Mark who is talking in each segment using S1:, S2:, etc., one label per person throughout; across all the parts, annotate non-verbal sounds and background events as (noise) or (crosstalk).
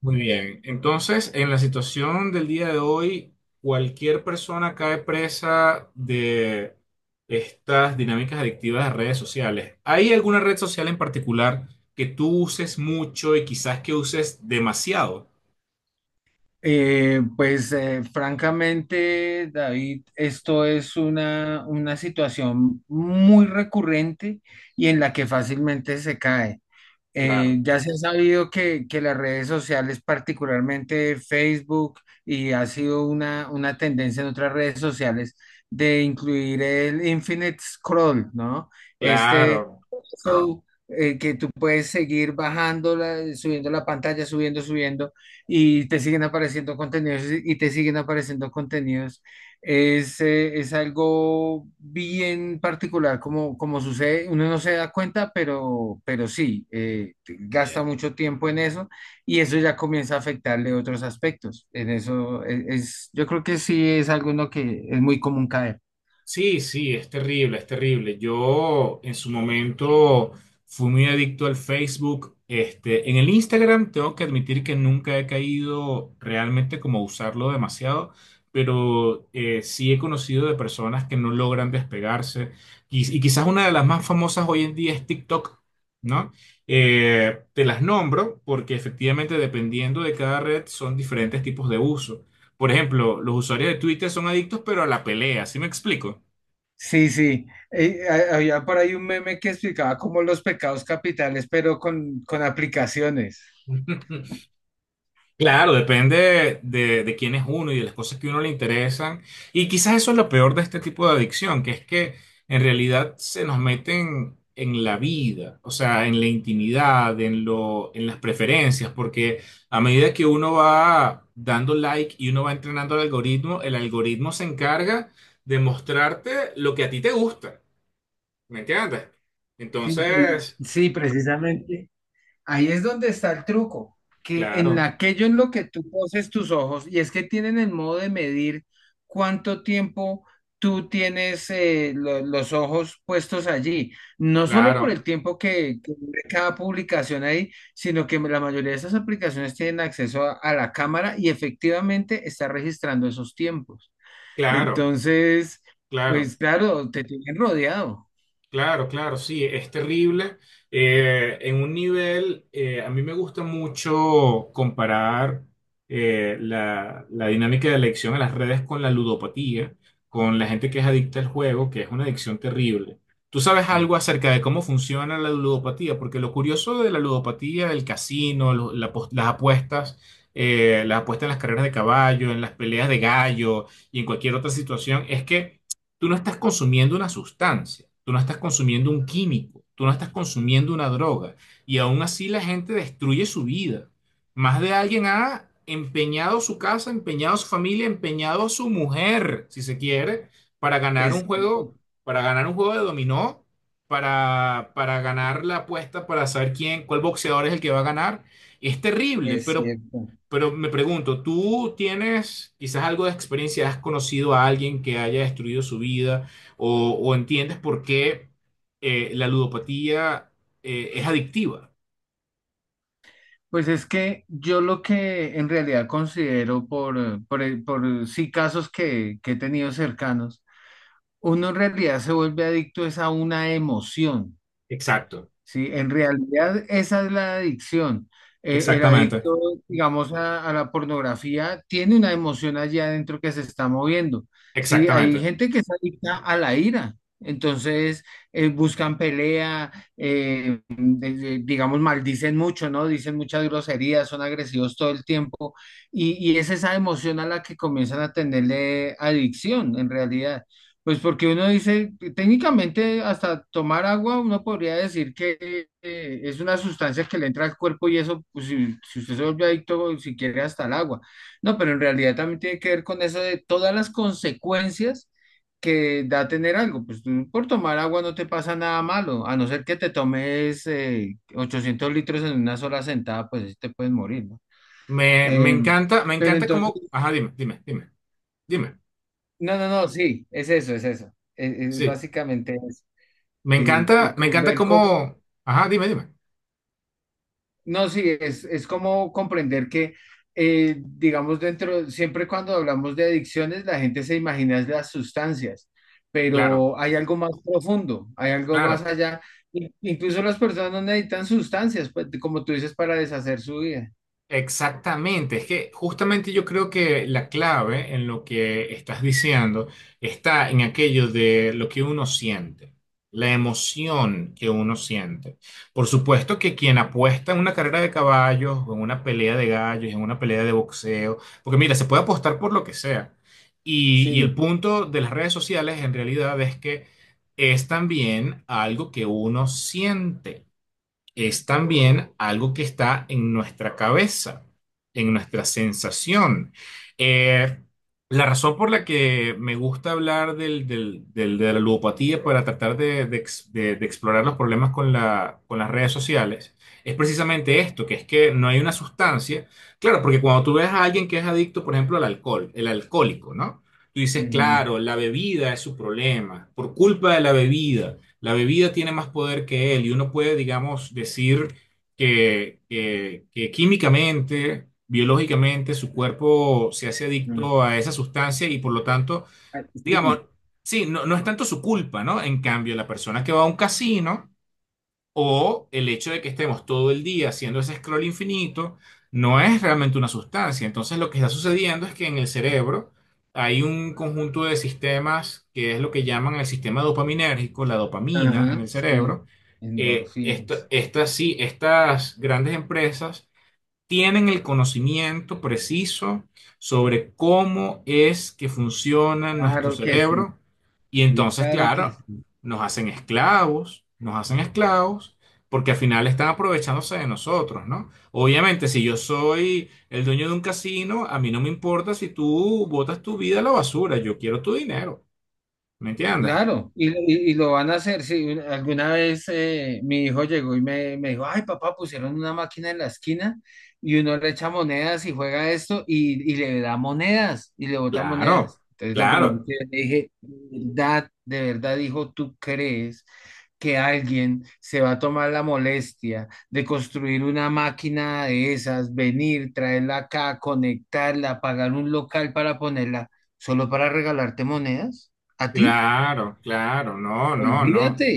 S1: Muy bien. Entonces, en la situación del día de hoy, cualquier persona cae presa de estas dinámicas adictivas de redes sociales. ¿Hay alguna red social en particular que tú uses mucho y quizás que uses demasiado?
S2: Francamente, David, esto es una situación muy recurrente y en la que fácilmente se cae.
S1: Claro,
S2: Ya se ha sabido que las redes sociales, particularmente Facebook, y ha sido una tendencia en otras redes sociales de incluir el infinite scroll, ¿no? Este,
S1: claro.
S2: Que tú puedes seguir bajando, subiendo la pantalla, subiendo, subiendo, y te siguen apareciendo contenidos y te siguen apareciendo contenidos. Es algo bien particular, como, como sucede, uno no se da cuenta, pero sí, gasta mucho tiempo en eso y eso ya comienza a afectarle otros aspectos. En eso yo creo que sí es algo en lo que es muy común caer.
S1: Sí, sí, es terrible, es terrible. Yo en su momento fui muy adicto al Facebook. Este, en el Instagram tengo que admitir que nunca he caído realmente como a usarlo demasiado, pero sí he conocido de personas que no logran despegarse. Y quizás una de las más famosas hoy en día es TikTok, ¿no? Te las nombro porque efectivamente dependiendo de cada red son diferentes tipos de uso. Por ejemplo, los usuarios de Twitter son adictos, pero a la pelea, ¿sí me explico?
S2: Sí, sí. Había por ahí un meme que explicaba como los pecados capitales, pero con aplicaciones.
S1: (laughs) Claro, depende de quién es uno y de las cosas que a uno le interesan. Y quizás eso es lo peor de este tipo de adicción, que es que en realidad se nos meten en la vida, o sea, en la intimidad, en las preferencias, porque a medida que uno va dando like y uno va entrenando al algoritmo, el algoritmo se encarga de mostrarte lo que a ti te gusta, ¿me entiendes?
S2: Sí,
S1: Entonces,
S2: sí, precisamente. Ahí es donde está el truco, que
S1: claro,
S2: aquello en lo que tú poses tus ojos, y es que tienen el modo de medir cuánto tiempo tú tienes los ojos puestos allí, no solo por
S1: claro,
S2: el tiempo que dure cada publicación ahí, sino que la mayoría de esas aplicaciones tienen acceso a la cámara y efectivamente está registrando esos tiempos.
S1: claro,
S2: Entonces,
S1: claro.
S2: pues claro, te tienen rodeado.
S1: Claro, claro, sí, es terrible. En un nivel, a mí me gusta mucho comparar la dinámica de adicción a las redes con la ludopatía, con la gente que es adicta al juego, que es una adicción terrible. ¿Tú sabes
S2: Sí,
S1: algo acerca de cómo funciona la ludopatía? Porque lo curioso de la ludopatía, el casino, las apuestas en las carreras de caballo, en las peleas de gallo y en cualquier otra situación, es que tú no estás consumiendo una sustancia, tú no estás consumiendo un químico, tú no estás consumiendo una droga. Y aún así la gente destruye su vida. Más de alguien ha empeñado su casa, empeñado su familia, empeñado su mujer, si se quiere, para ganar un
S2: es cierto,
S1: juego, para ganar un juego de dominó, para ganar la apuesta, para saber quién, cuál boxeador es el que va a ganar. Es terrible,
S2: es
S1: pero
S2: cierto.
S1: pero me pregunto, ¿tú tienes quizás algo de experiencia? ¿Has conocido a alguien que haya destruido su vida? O entiendes por qué la ludopatía es adictiva?
S2: Pues es que yo lo que en realidad considero sí casos que he tenido cercanos, uno en realidad se vuelve adicto es a una emoción.
S1: Exacto,
S2: Sí, en realidad esa es la adicción. El
S1: exactamente.
S2: adicto, digamos, a la pornografía tiene una emoción allá adentro que se está moviendo. Sí, hay
S1: Exactamente.
S2: gente que es adicta a la ira. Entonces, buscan pelea, digamos, maldicen mucho, ¿no? Dicen muchas groserías, son agresivos todo el tiempo. Y es esa emoción a la que comienzan a tenerle adicción, en realidad. Pues porque uno dice, técnicamente hasta tomar agua uno podría decir que es una sustancia que le entra al cuerpo y eso, pues si, si usted se vuelve adicto, si quiere hasta el agua. No, pero en realidad también tiene que ver con eso de todas las consecuencias que da tener algo. Pues tú por tomar agua no te pasa nada malo, a no ser que te tomes 800 litros en una sola sentada, pues sí te puedes morir, ¿no?
S1: Me
S2: Em,
S1: encanta, me
S2: pero
S1: encanta
S2: entonces,
S1: cómo. Ajá, dime, dime, dime.
S2: no, no, no, sí, es eso, es eso. Es
S1: Sí.
S2: básicamente eso. eh,
S1: Me
S2: co-
S1: encanta
S2: ver cómo,
S1: cómo. Ajá, dime, dime.
S2: no, sí, es como comprender que, digamos, dentro, siempre cuando hablamos de adicciones, la gente se imagina es las sustancias,
S1: Claro,
S2: pero hay algo más profundo, hay algo más
S1: claro.
S2: allá. Incluso las personas no necesitan sustancias, pues, como tú dices, para deshacer su vida.
S1: Exactamente, es que justamente yo creo que la clave en lo que estás diciendo está en aquello de lo que uno siente, la emoción que uno siente. Por supuesto que quien apuesta en una carrera de caballos, o en una pelea de gallos, en una pelea de boxeo, porque mira, se puede apostar por lo que sea. Y el
S2: Sí.
S1: punto de las redes sociales en realidad es que es también algo que uno siente es también algo que está en nuestra cabeza, en nuestra sensación. Eh, la razón por la que me gusta hablar de la ludopatía para tratar de explorar los problemas con las redes sociales es precisamente esto, que es que no hay una sustancia. Claro, porque cuando tú ves a alguien que es adicto, por ejemplo, al alcohol, el alcohólico, ¿no? Tú dices,
S2: Ujú,
S1: claro, la bebida es su problema, por culpa de la bebida. La bebida tiene más poder que él y uno puede, digamos, decir que químicamente, biológicamente, su cuerpo se hace
S2: ujú.
S1: adicto a esa sustancia y por lo tanto,
S2: Ah,
S1: digamos,
S2: sí,
S1: sí, no es tanto su culpa, ¿no? En cambio, la persona que va a un casino o el hecho de que estemos todo el día haciendo ese scroll infinito no es realmente una sustancia. Entonces lo que está sucediendo es que en el cerebro hay un conjunto de sistemas que es lo que llaman el sistema dopaminérgico, la dopamina en
S2: ajá,
S1: el
S2: sí.
S1: cerebro. Eh, esto-
S2: Endorfinas.
S1: estas, sí, estas grandes empresas tienen el conocimiento preciso sobre cómo es que funciona nuestro
S2: Claro que sí.
S1: cerebro y entonces,
S2: Claro que
S1: claro,
S2: sí.
S1: nos hacen esclavos porque al final están aprovechándose de nosotros, ¿no? Obviamente, si yo soy el dueño de un casino, a mí no me importa si tú botas tu vida a la basura, yo quiero tu dinero, ¿me entiendes?
S2: Claro, y lo van a hacer. Si alguna vez mi hijo llegó y me dijo, ay papá, pusieron una máquina en la esquina y uno le echa monedas y juega esto y le da monedas y le bota
S1: Claro,
S2: monedas. Entonces lo primero
S1: claro,
S2: que le dije, de verdad, hijo, ¿tú crees que alguien se va a tomar la molestia de construir una máquina de esas, venir, traerla acá, conectarla, pagar un local para ponerla, solo para regalarte monedas? ¿A ti?
S1: claro, claro, no, no,
S2: Olvídate.
S1: no.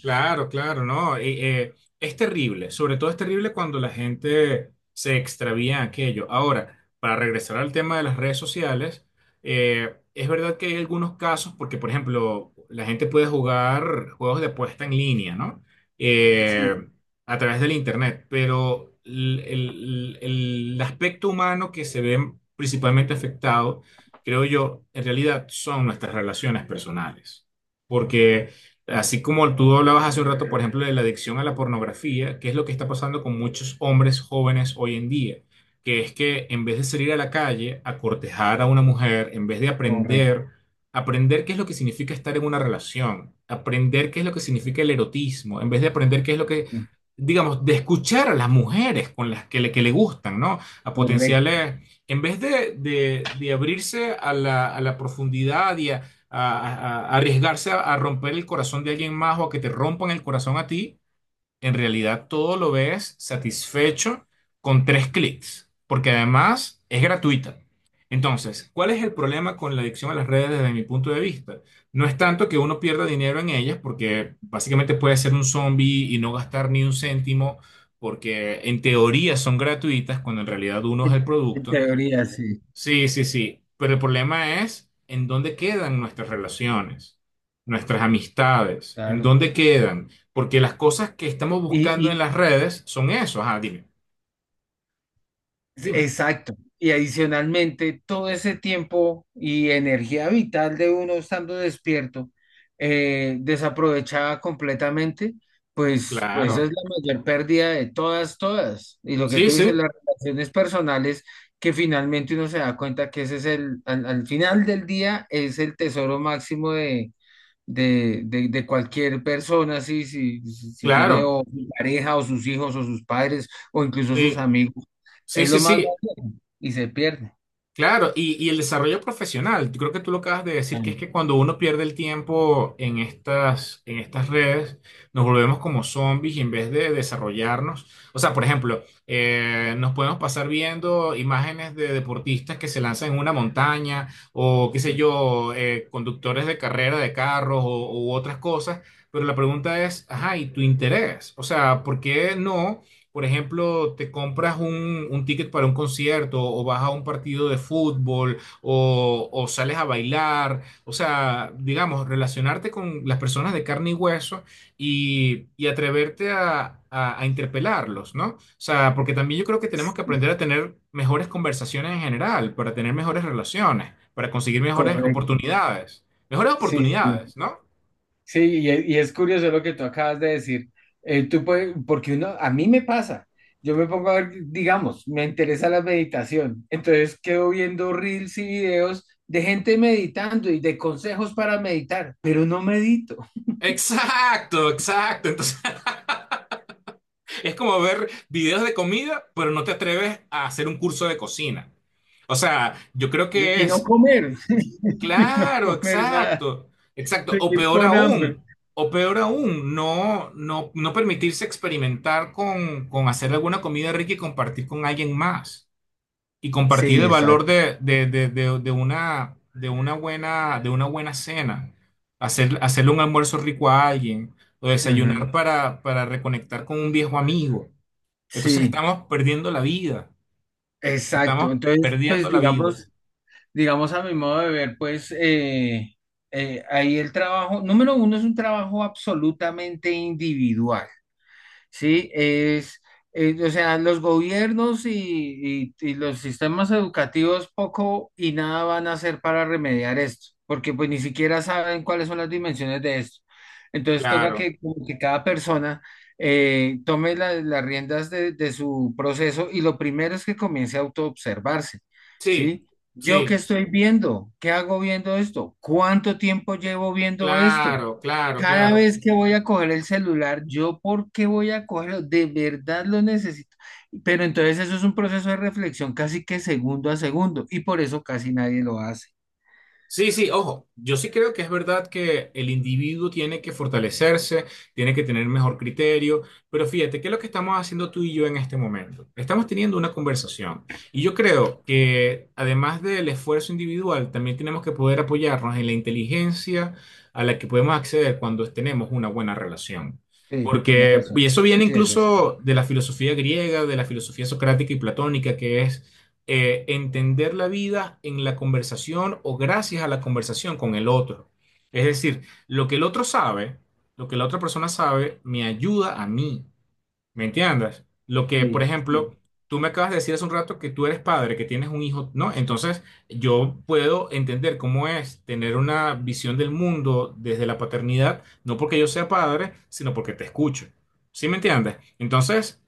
S1: Claro, claro, no. Es terrible, sobre todo es terrible cuando la gente se extravía en aquello. Ahora, para regresar al tema de las redes sociales, es verdad que hay algunos casos, porque por ejemplo, la gente puede jugar juegos de apuesta en línea, ¿no? Eh,
S2: (laughs)
S1: a través del internet, pero el aspecto humano que se ve principalmente afectado, creo yo, en realidad son nuestras relaciones personales. Porque así como tú hablabas hace un rato, por ejemplo, de la adicción a la pornografía, que es lo que está pasando con muchos hombres jóvenes hoy en día, que es que en vez de salir a la calle a cortejar a una mujer, en vez de
S2: Correcto,
S1: aprender, aprender qué es lo que significa estar en una relación, aprender qué es lo que significa el erotismo, en vez de aprender qué es lo que, digamos, de escuchar a las mujeres con las que le gustan, ¿no? A
S2: correcto.
S1: potenciales, en vez de abrirse a a la profundidad y a a arriesgarse a romper el corazón de alguien más o a que te rompan el corazón a ti, en realidad todo lo ves satisfecho con tres clics, porque además es gratuita. Entonces, ¿cuál es el problema con la adicción a las redes desde mi punto de vista? No es tanto que uno pierda dinero en ellas, porque básicamente puede ser un zombie y no gastar ni un céntimo, porque en teoría son gratuitas, cuando en realidad uno es
S2: En,
S1: el
S2: en
S1: producto.
S2: teoría, sí,
S1: Sí, sí, sí, pero el problema es en dónde quedan nuestras relaciones, nuestras amistades, en
S2: claro.
S1: dónde quedan, porque las cosas que estamos buscando en
S2: Y,
S1: las redes son eso, ajá, dime, dime,
S2: exacto. Y adicionalmente, todo ese tiempo y energía vital de uno estando despierto, desaprovechada completamente, pues esa es
S1: claro,
S2: la mayor pérdida de todas, todas. Y lo que
S1: sí,
S2: tú dices,
S1: sí,
S2: las relaciones personales, que finalmente uno se da cuenta que ese es el, al al final del día, es el tesoro máximo de cualquier persona, sí, si, si tiene
S1: claro,
S2: o su pareja o sus hijos o sus padres o incluso sus
S1: sí,
S2: amigos,
S1: sí,
S2: es
S1: sí,
S2: lo más
S1: sí,
S2: básico y se pierde.
S1: claro, y el desarrollo profesional. Yo creo que tú lo acabas de decir, que es que cuando uno pierde el tiempo en en estas redes, nos volvemos como zombies y en vez de desarrollarnos, o sea, por ejemplo, nos podemos pasar viendo imágenes de deportistas que se lanzan en una montaña o, qué sé yo, conductores de carrera de carros o, u otras cosas, pero la pregunta es, ajá, ¿y tu interés? O sea, ¿por qué no? Por ejemplo, te compras un ticket para un concierto o vas a un partido de fútbol o sales a bailar, o sea, digamos, relacionarte con las personas de carne y hueso y atreverte a interpelarlos, ¿no? O sea, porque también yo creo que tenemos que aprender a tener mejores conversaciones en general, para tener mejores relaciones, para conseguir
S2: Correcto,
S1: mejores
S2: sí, sí,
S1: oportunidades, ¿no?
S2: sí, y es curioso lo que tú acabas de decir. Tú puedes, porque uno, a mí me pasa, yo me pongo a ver, digamos, me interesa la meditación, entonces quedo viendo reels y videos de gente meditando y de consejos para meditar, pero no medito.
S1: Exacto, exacto. Entonces... Es como ver videos de comida, pero no te atreves a hacer un curso de cocina. O sea, yo creo que
S2: Y no
S1: es,
S2: comer, (laughs) y no
S1: claro,
S2: comer nada,
S1: exacto, exacto.
S2: seguir con hambre.
S1: O peor aún, no permitirse experimentar con hacer alguna comida rica y compartir con alguien más. Y compartir
S2: Sí,
S1: el valor
S2: exacto.
S1: de una buena cena. Hacer, hacerle un almuerzo rico a alguien. O desayunar
S2: Ujú.
S1: para reconectar con un viejo amigo. Entonces
S2: Sí,
S1: estamos perdiendo la vida, estamos
S2: exacto. Entonces,
S1: perdiendo
S2: pues
S1: la vida.
S2: digamos, digamos a mi modo de ver, ahí el trabajo, número uno es un trabajo absolutamente individual. ¿Sí? O sea, los gobiernos y, y los sistemas educativos poco y nada van a hacer para remediar esto, porque pues ni siquiera saben cuáles son las dimensiones de esto. Entonces toca
S1: Claro,
S2: que, como que cada persona tome las riendas de su proceso y lo primero es que comience a autoobservarse,
S1: sí,
S2: ¿sí? ¿Yo qué
S1: sí,
S2: estoy viendo? ¿Qué hago viendo esto? ¿Cuánto tiempo llevo viendo esto?
S1: claro, claro,
S2: Cada
S1: claro.
S2: vez que voy a coger el celular, ¿yo por qué voy a cogerlo? De verdad lo necesito. Pero entonces eso es un proceso de reflexión casi que segundo a segundo y por eso casi nadie lo hace.
S1: Sí, sí, ojo, yo sí creo que es verdad que el individuo tiene que fortalecerse, tiene que tener mejor criterio, pero fíjate, ¿qué es lo que estamos haciendo tú y yo en este momento? Estamos teniendo una conversación y yo creo que además del esfuerzo individual, también tenemos que poder apoyarnos en la inteligencia a la que podemos acceder cuando tenemos una buena relación.
S2: Sí, tienes
S1: Porque, y
S2: razón.
S1: eso viene
S2: Sí, eso es cierto.
S1: incluso de la filosofía griega, de la filosofía socrática y platónica, que es entender la vida en la conversación o gracias a la conversación con el otro. Es decir, lo que el otro sabe, lo que la otra persona sabe, me ayuda a mí. ¿Me entiendes? Lo que, por
S2: Sí, sí,
S1: ejemplo, tú me acabas de decir hace un rato que tú eres padre, que tienes un hijo, ¿no? Entonces, yo puedo entender cómo es tener una visión del mundo desde la paternidad, no porque yo sea padre, sino porque te escucho. ¿Sí me entiendes? Entonces,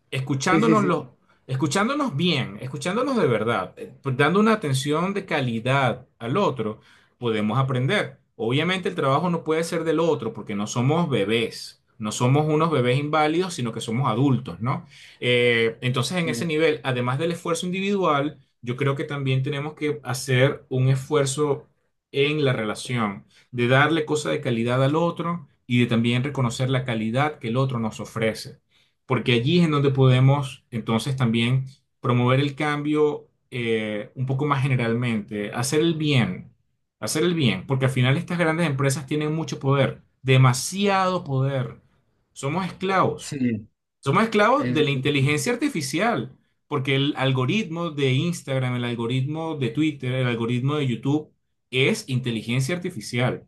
S2: sí, sí, sí,
S1: escuchándonos bien, escuchándonos de verdad, pues, dando una atención de calidad al otro podemos aprender. Obviamente el trabajo no puede ser del otro porque no somos bebés, no somos unos bebés inválidos, sino que somos adultos, ¿no? Entonces en ese
S2: sí,
S1: nivel, además del esfuerzo individual, yo creo que también tenemos que hacer un esfuerzo en la relación, de darle cosa de calidad al otro y de también reconocer la calidad que el otro nos ofrece, porque allí es en donde podemos entonces también promover el cambio un poco más generalmente, hacer el bien. Hacer el bien, porque al final estas grandes empresas tienen mucho poder, demasiado poder. Somos esclavos.
S2: sí,
S1: Somos esclavos
S2: es-
S1: de la
S2: es-
S1: inteligencia artificial, porque el algoritmo de Instagram, el algoritmo de Twitter, el algoritmo de YouTube es inteligencia artificial.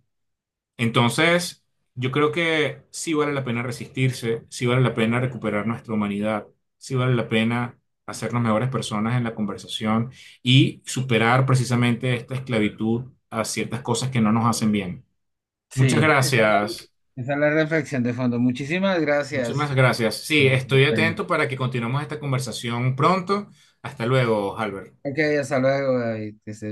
S1: Entonces, yo creo que sí vale la pena resistirse, sí vale la pena recuperar nuestra humanidad, sí vale la pena hacernos mejores personas en la conversación y superar precisamente esta esclavitud a ciertas cosas que no nos hacen bien. Muchas
S2: sí.
S1: gracias,
S2: Esa es la reflexión de fondo. Muchísimas gracias.
S1: muchísimas gracias. Sí,
S2: Eh,
S1: estoy atento para que continuemos esta conversación pronto. Hasta luego, Albert.
S2: Ok, hasta luego, David. Que estés